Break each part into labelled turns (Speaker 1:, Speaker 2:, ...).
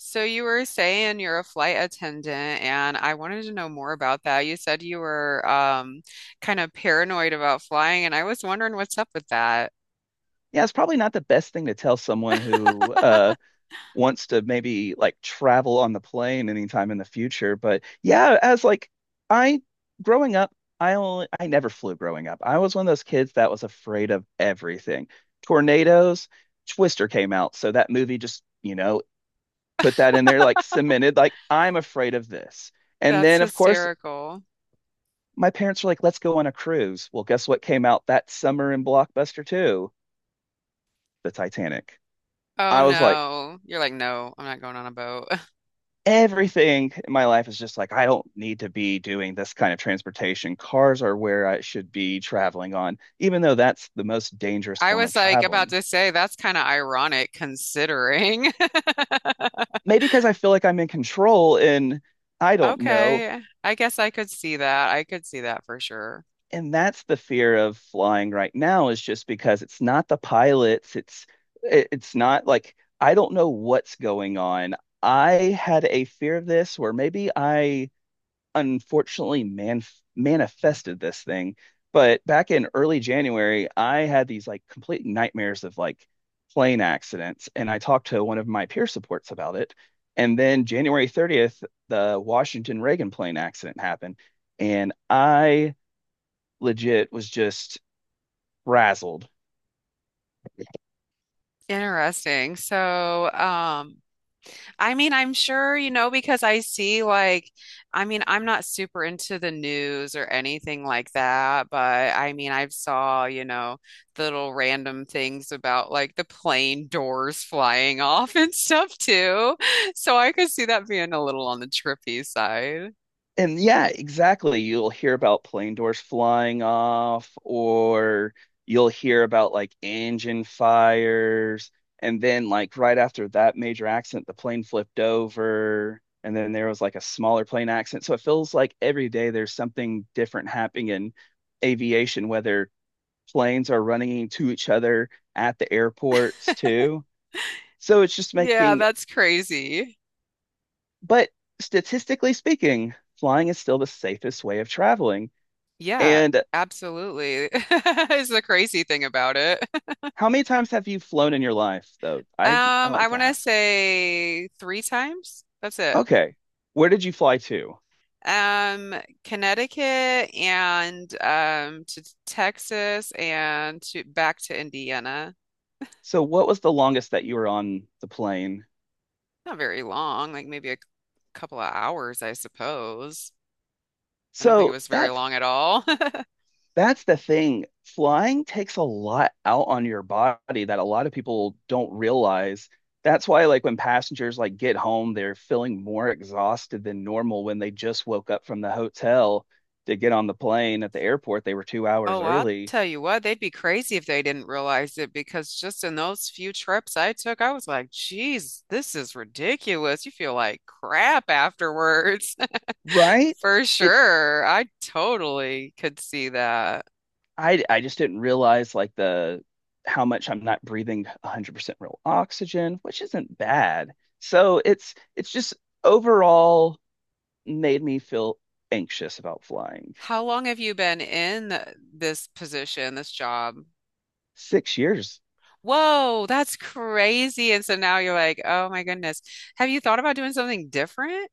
Speaker 1: So you were saying you're a flight attendant, and I wanted to know more about that. You said you were kind of paranoid about flying, and I was wondering what's up with that.
Speaker 2: Yeah, it's probably not the best thing to tell someone who wants to maybe like travel on the plane anytime in the future. But yeah, as like I growing up, I never flew growing up. I was one of those kids that was afraid of everything. Tornadoes. Twister came out, so that movie just put that in there, like cemented, like I'm afraid of this. And
Speaker 1: That's
Speaker 2: then of course,
Speaker 1: hysterical.
Speaker 2: my parents were like, "Let's go on a cruise." Well, guess what came out that summer in Blockbuster too? The Titanic.
Speaker 1: Oh
Speaker 2: I was like,
Speaker 1: no. You're like, no, I'm not going on a boat.
Speaker 2: everything in my life is just like, I don't need to be doing this kind of transportation. Cars are where I should be traveling on, even though that's the most dangerous
Speaker 1: I
Speaker 2: form of
Speaker 1: was like about
Speaker 2: traveling.
Speaker 1: to say that's kind of ironic considering.
Speaker 2: Maybe because I feel like I'm in control and I don't know.
Speaker 1: Okay, I guess I could see that. I could see that for sure.
Speaker 2: And that's the fear of flying right now is just because it's not the pilots. It's not like I don't know what's going on. I had a fear of this where maybe I unfortunately manifested this thing. But back in early January, I had these like complete nightmares of like plane accidents, and I talked to one of my peer supports about it. And then January 30th, the Washington Reagan plane accident happened, and I legit was just frazzled.
Speaker 1: Interesting. I mean, I'm sure, you know, because I see like, I mean, I'm not super into the news or anything like that, but I mean, I've saw, little random things about like the plane doors flying off and stuff too. So I could see that being a little on the trippy side.
Speaker 2: And yeah, exactly. You'll hear about plane doors flying off, or you'll hear about like engine fires. And then, like, right after that major accident, the plane flipped over. And then there was like a smaller plane accident. So it feels like every day there's something different happening in aviation, whether planes are running into each other at the airports too. So it's just
Speaker 1: Yeah,
Speaker 2: making,
Speaker 1: that's crazy.
Speaker 2: but statistically speaking, flying is still the safest way of traveling.
Speaker 1: Yeah,
Speaker 2: And
Speaker 1: absolutely. Is the crazy thing about it.
Speaker 2: how many times have you flown in your life, though? I
Speaker 1: I
Speaker 2: like to
Speaker 1: want to
Speaker 2: ask.
Speaker 1: say three times. That's it.
Speaker 2: Okay, where did you fly to?
Speaker 1: Um, Connecticut and to Texas and to back to Indiana.
Speaker 2: So what was the longest that you were on the plane?
Speaker 1: Not very long, like maybe a couple of hours, I suppose. I don't think it
Speaker 2: So
Speaker 1: was very
Speaker 2: that's
Speaker 1: long at all.
Speaker 2: that's the thing. Flying takes a lot out on your body that a lot of people don't realize. That's why, like, when passengers like get home, they're feeling more exhausted than normal when they just woke up from the hotel to get on the plane at the airport. They were 2 hours
Speaker 1: Oh, well, I'll
Speaker 2: early,
Speaker 1: tell you what, they'd be crazy if they didn't realize it because just in those few trips I took, I was like, geez, this is ridiculous. You feel like crap afterwards.
Speaker 2: right?
Speaker 1: For
Speaker 2: It's
Speaker 1: sure. I totally could see that.
Speaker 2: I just didn't realize like the how much I'm not breathing 100% real oxygen, which isn't bad. So it's just overall made me feel anxious about flying.
Speaker 1: How long have you been in this position, this job?
Speaker 2: 6 years.
Speaker 1: Whoa, that's crazy. And so now you're like, oh my goodness. Have you thought about doing something different?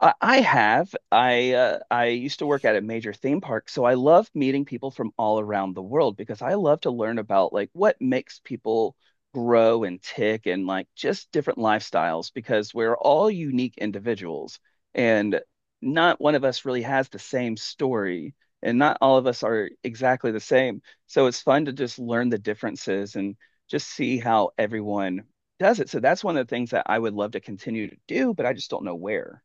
Speaker 2: I have. I used to work at a major theme park, so I love meeting people from all around the world because I love to learn about like what makes people grow and tick and like just different lifestyles, because we're all unique individuals and not one of us really has the same story and not all of us are exactly the same. So it's fun to just learn the differences and just see how everyone does it. So that's one of the things that I would love to continue to do, but I just don't know where.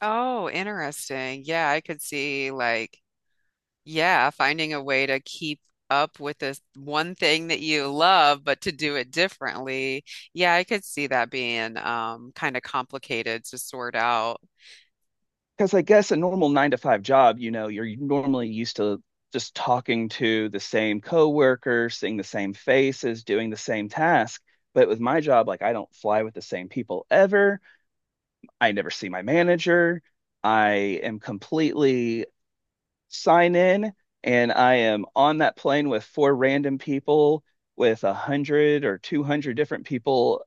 Speaker 1: Oh, interesting. Yeah, I could see like, yeah, finding a way to keep up with this one thing that you love, but to do it differently. Yeah, I could see that being kind of complicated to sort out.
Speaker 2: Because I guess a normal nine to five job, you're normally used to just talking to the same coworker, seeing the same faces, doing the same task. But with my job, like I don't fly with the same people ever. I never see my manager. I am completely sign in and I am on that plane with four random people, with 100 or 200 different people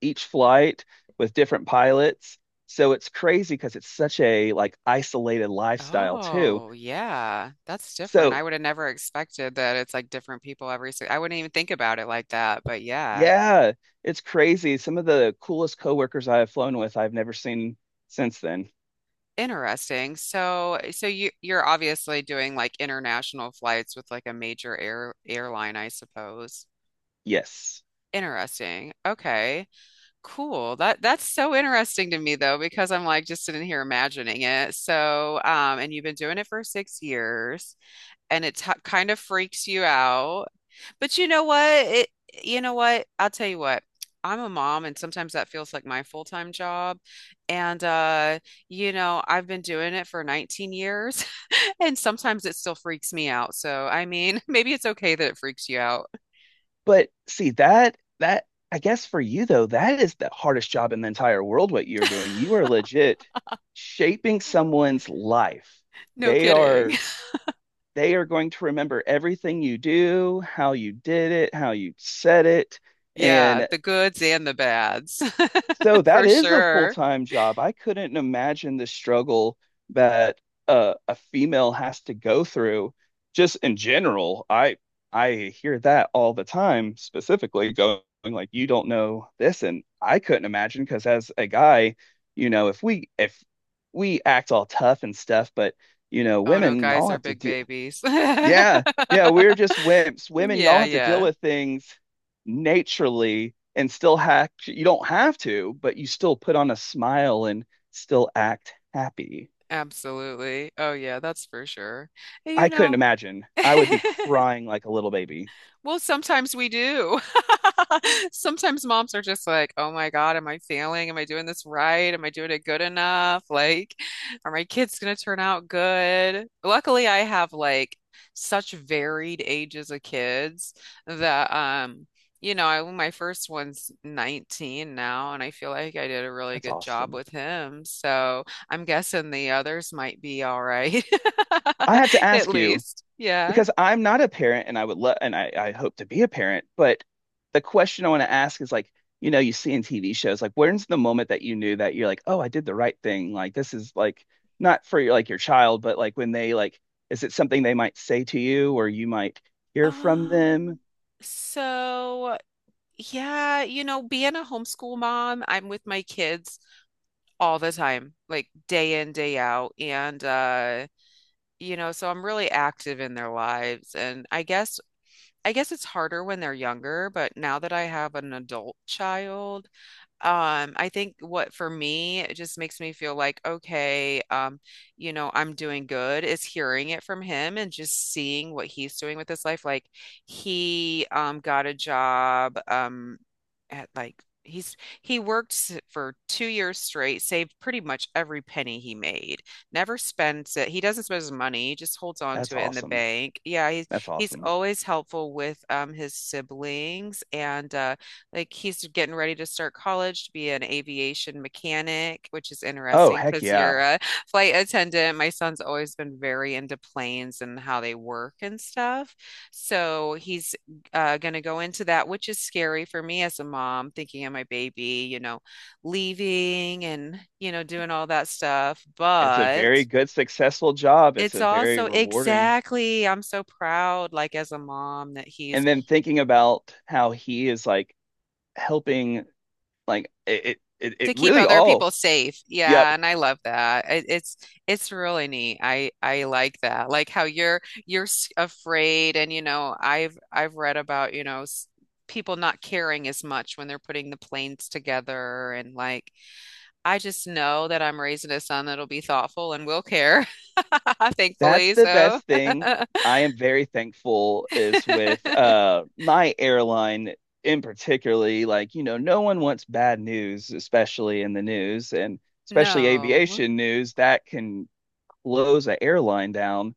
Speaker 2: each flight with different pilots. So it's crazy because it's such a like isolated lifestyle too.
Speaker 1: Oh, yeah. That's different.
Speaker 2: So
Speaker 1: I would have never expected that it's like different people every I wouldn't even think about it like that, but yeah.
Speaker 2: yeah, it's crazy. Some of the coolest coworkers I have flown with, I've never seen since then.
Speaker 1: Interesting. So, so you're obviously doing like international flights with like a major airline, I suppose.
Speaker 2: Yes.
Speaker 1: Interesting. Okay. Cool. That's so interesting to me though, because I'm like just sitting here imagining it. And you've been doing it for 6 years and it t kind of freaks you out. But you know what? You know what? I'll tell you what. I'm a mom, and sometimes that feels like my full-time job. And you know, I've been doing it for 19 years, and sometimes it still freaks me out. So, I mean, maybe it's okay that it freaks you out.
Speaker 2: But see that I guess for you though, that is the hardest job in the entire world what you're doing. You are legit shaping someone's life.
Speaker 1: No
Speaker 2: They
Speaker 1: kidding.
Speaker 2: are They are going to remember everything you do, how you did it, how you said it.
Speaker 1: Yeah,
Speaker 2: And
Speaker 1: the goods and the bads,
Speaker 2: so that
Speaker 1: for
Speaker 2: is a
Speaker 1: sure.
Speaker 2: full-time job. I couldn't imagine the struggle that a female has to go through just in general. I hear that all the time, specifically going like you don't know this, and I couldn't imagine because as a guy, if we act all tough and stuff, but
Speaker 1: Oh no,
Speaker 2: women,
Speaker 1: guys
Speaker 2: y'all
Speaker 1: are
Speaker 2: have to
Speaker 1: big
Speaker 2: do.
Speaker 1: babies.
Speaker 2: Yeah, yeah, we're just wimps. Women, y'all
Speaker 1: Yeah,
Speaker 2: have to deal
Speaker 1: yeah,
Speaker 2: with things naturally and still hack. You don't have to, but you still put on a smile and still act happy.
Speaker 1: absolutely. Oh yeah, that's for sure. You
Speaker 2: I couldn't
Speaker 1: know.
Speaker 2: imagine. I would be crying like a little baby.
Speaker 1: Well, sometimes we do. Sometimes moms are just like, oh my God, am I failing? Am I doing this right? Am I doing it good enough? Like, are my kids going to turn out good? Luckily, I have like such varied ages of kids that, you know, my first one's 19 now, and I feel like I did a really
Speaker 2: That's
Speaker 1: good job
Speaker 2: awesome.
Speaker 1: with him. So I'm guessing the others might be all right,
Speaker 2: I have to
Speaker 1: at
Speaker 2: ask you,
Speaker 1: least. Yeah.
Speaker 2: because I'm not a parent and I would love, and I hope to be a parent, but the question I want to ask is like, you see in TV shows, like when's the moment that you knew that you're like, oh, I did the right thing? Like this is like not for your child, but like when they like, is it something they might say to you or you might hear from them?
Speaker 1: Um, so, yeah, you know, being a homeschool mom, I'm with my kids all the time, like day in, day out. And you know, so I'm really active in their lives. And I guess it's harder when they're younger, but now that I have an adult child, I think what for me it just makes me feel like, okay, you know, I'm doing good is hearing it from him and just seeing what he's doing with his life. Like he got a job at he's he worked for 2 years straight, saved pretty much every penny he made, never spends it. He doesn't spend his money, he just holds on
Speaker 2: That's
Speaker 1: to it in the
Speaker 2: awesome.
Speaker 1: bank. Yeah, he's
Speaker 2: That's
Speaker 1: he's
Speaker 2: awesome.
Speaker 1: always helpful with his siblings and like he's getting ready to start college to be an aviation mechanic, which is
Speaker 2: Oh,
Speaker 1: interesting
Speaker 2: heck
Speaker 1: because you're
Speaker 2: yeah.
Speaker 1: a flight attendant. My son's always been very into planes and how they work and stuff. So he's going to go into that, which is scary for me as a mom, thinking of my baby, you know, leaving and, you know, doing all that stuff.
Speaker 2: It's a
Speaker 1: But
Speaker 2: very good, successful job. It's
Speaker 1: it's
Speaker 2: a very
Speaker 1: also
Speaker 2: rewarding.
Speaker 1: exactly, I'm so proud, like as a mom, that he's
Speaker 2: And then thinking about how he is like helping. Like it, it,
Speaker 1: to
Speaker 2: it
Speaker 1: keep
Speaker 2: really
Speaker 1: other
Speaker 2: all.
Speaker 1: people safe.
Speaker 2: Yep,
Speaker 1: Yeah, and I love that. It's really neat. I like that. Like how you're afraid and you know, I've read about, you know, people not caring as much when they're putting the planes together and like I just know that I'm raising a son that'll be thoughtful and will care,
Speaker 2: that's
Speaker 1: thankfully.
Speaker 2: the
Speaker 1: So,
Speaker 2: best thing. I am very thankful is with my airline in particularly. Like, you know, no one wants bad news, especially in the news, and especially
Speaker 1: no,
Speaker 2: aviation news that can close an airline down.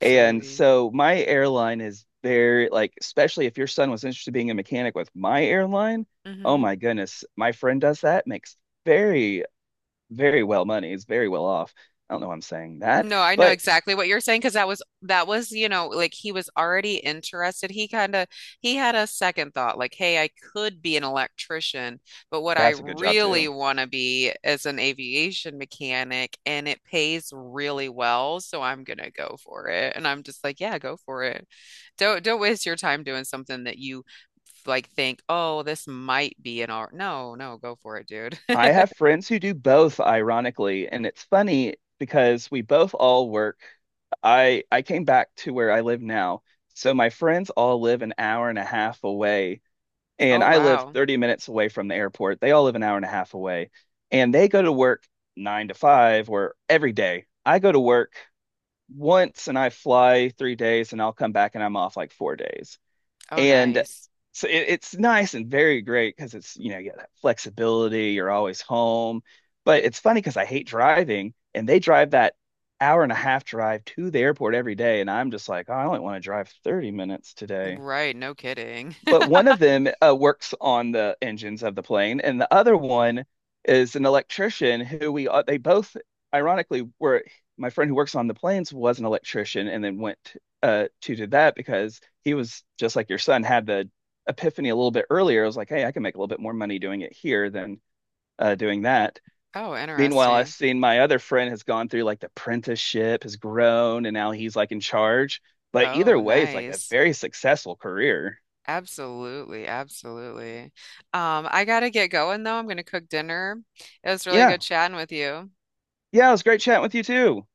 Speaker 2: And so my airline is very like, especially if your son was interested in being a mechanic with my airline. Oh
Speaker 1: Mhm.
Speaker 2: my goodness, my friend does that, makes very very well money, is very well off. I don't know why I'm saying that,
Speaker 1: No, I know
Speaker 2: but
Speaker 1: exactly what you're saying because that was, you know, like he was already interested. He kind of he had a second thought like, hey, I could be an electrician, but what I
Speaker 2: that's a good job
Speaker 1: really
Speaker 2: too.
Speaker 1: want to be is an aviation mechanic and it pays really well, so I'm gonna go for it. And I'm just like, yeah, go for it. Don't waste your time doing something that you like think, oh, this might be an art. No, no, go for it, dude.
Speaker 2: I have friends who do both, ironically, and it's funny because we both all work. I came back to where I live now. So my friends all live an hour and a half away, and
Speaker 1: Oh,
Speaker 2: I live
Speaker 1: wow.
Speaker 2: 30 minutes away from the airport. They all live an hour and a half away, and they go to work nine to five or every day. I go to work once and I fly 3 days, and I'll come back and I'm off like 4 days.
Speaker 1: Oh,
Speaker 2: And
Speaker 1: nice.
Speaker 2: so it's nice and very great because it's, you got that flexibility, you're always home. But it's funny because I hate driving and they drive that hour and a half drive to the airport every day. And I'm just like, oh, I only want to drive 30 minutes today,
Speaker 1: Right, no kidding.
Speaker 2: but one of them works on the engines of the plane, and the other one is an electrician who we they both ironically were, my friend who works on the planes was an electrician and then went to do that because he was just like your son, had the epiphany a little bit earlier. I was like, hey, I can make a little bit more money doing it here than doing that.
Speaker 1: Oh,
Speaker 2: Meanwhile, I've
Speaker 1: interesting.
Speaker 2: seen my other friend has gone through like the apprenticeship, has grown, and now he's like in charge. But
Speaker 1: Oh,
Speaker 2: either way, it's like a
Speaker 1: nice.
Speaker 2: very successful career.
Speaker 1: Absolutely, absolutely. I gotta get going though. I'm gonna cook dinner. It was really
Speaker 2: Yeah.
Speaker 1: good chatting with you.
Speaker 2: Yeah, it was great chatting with you too.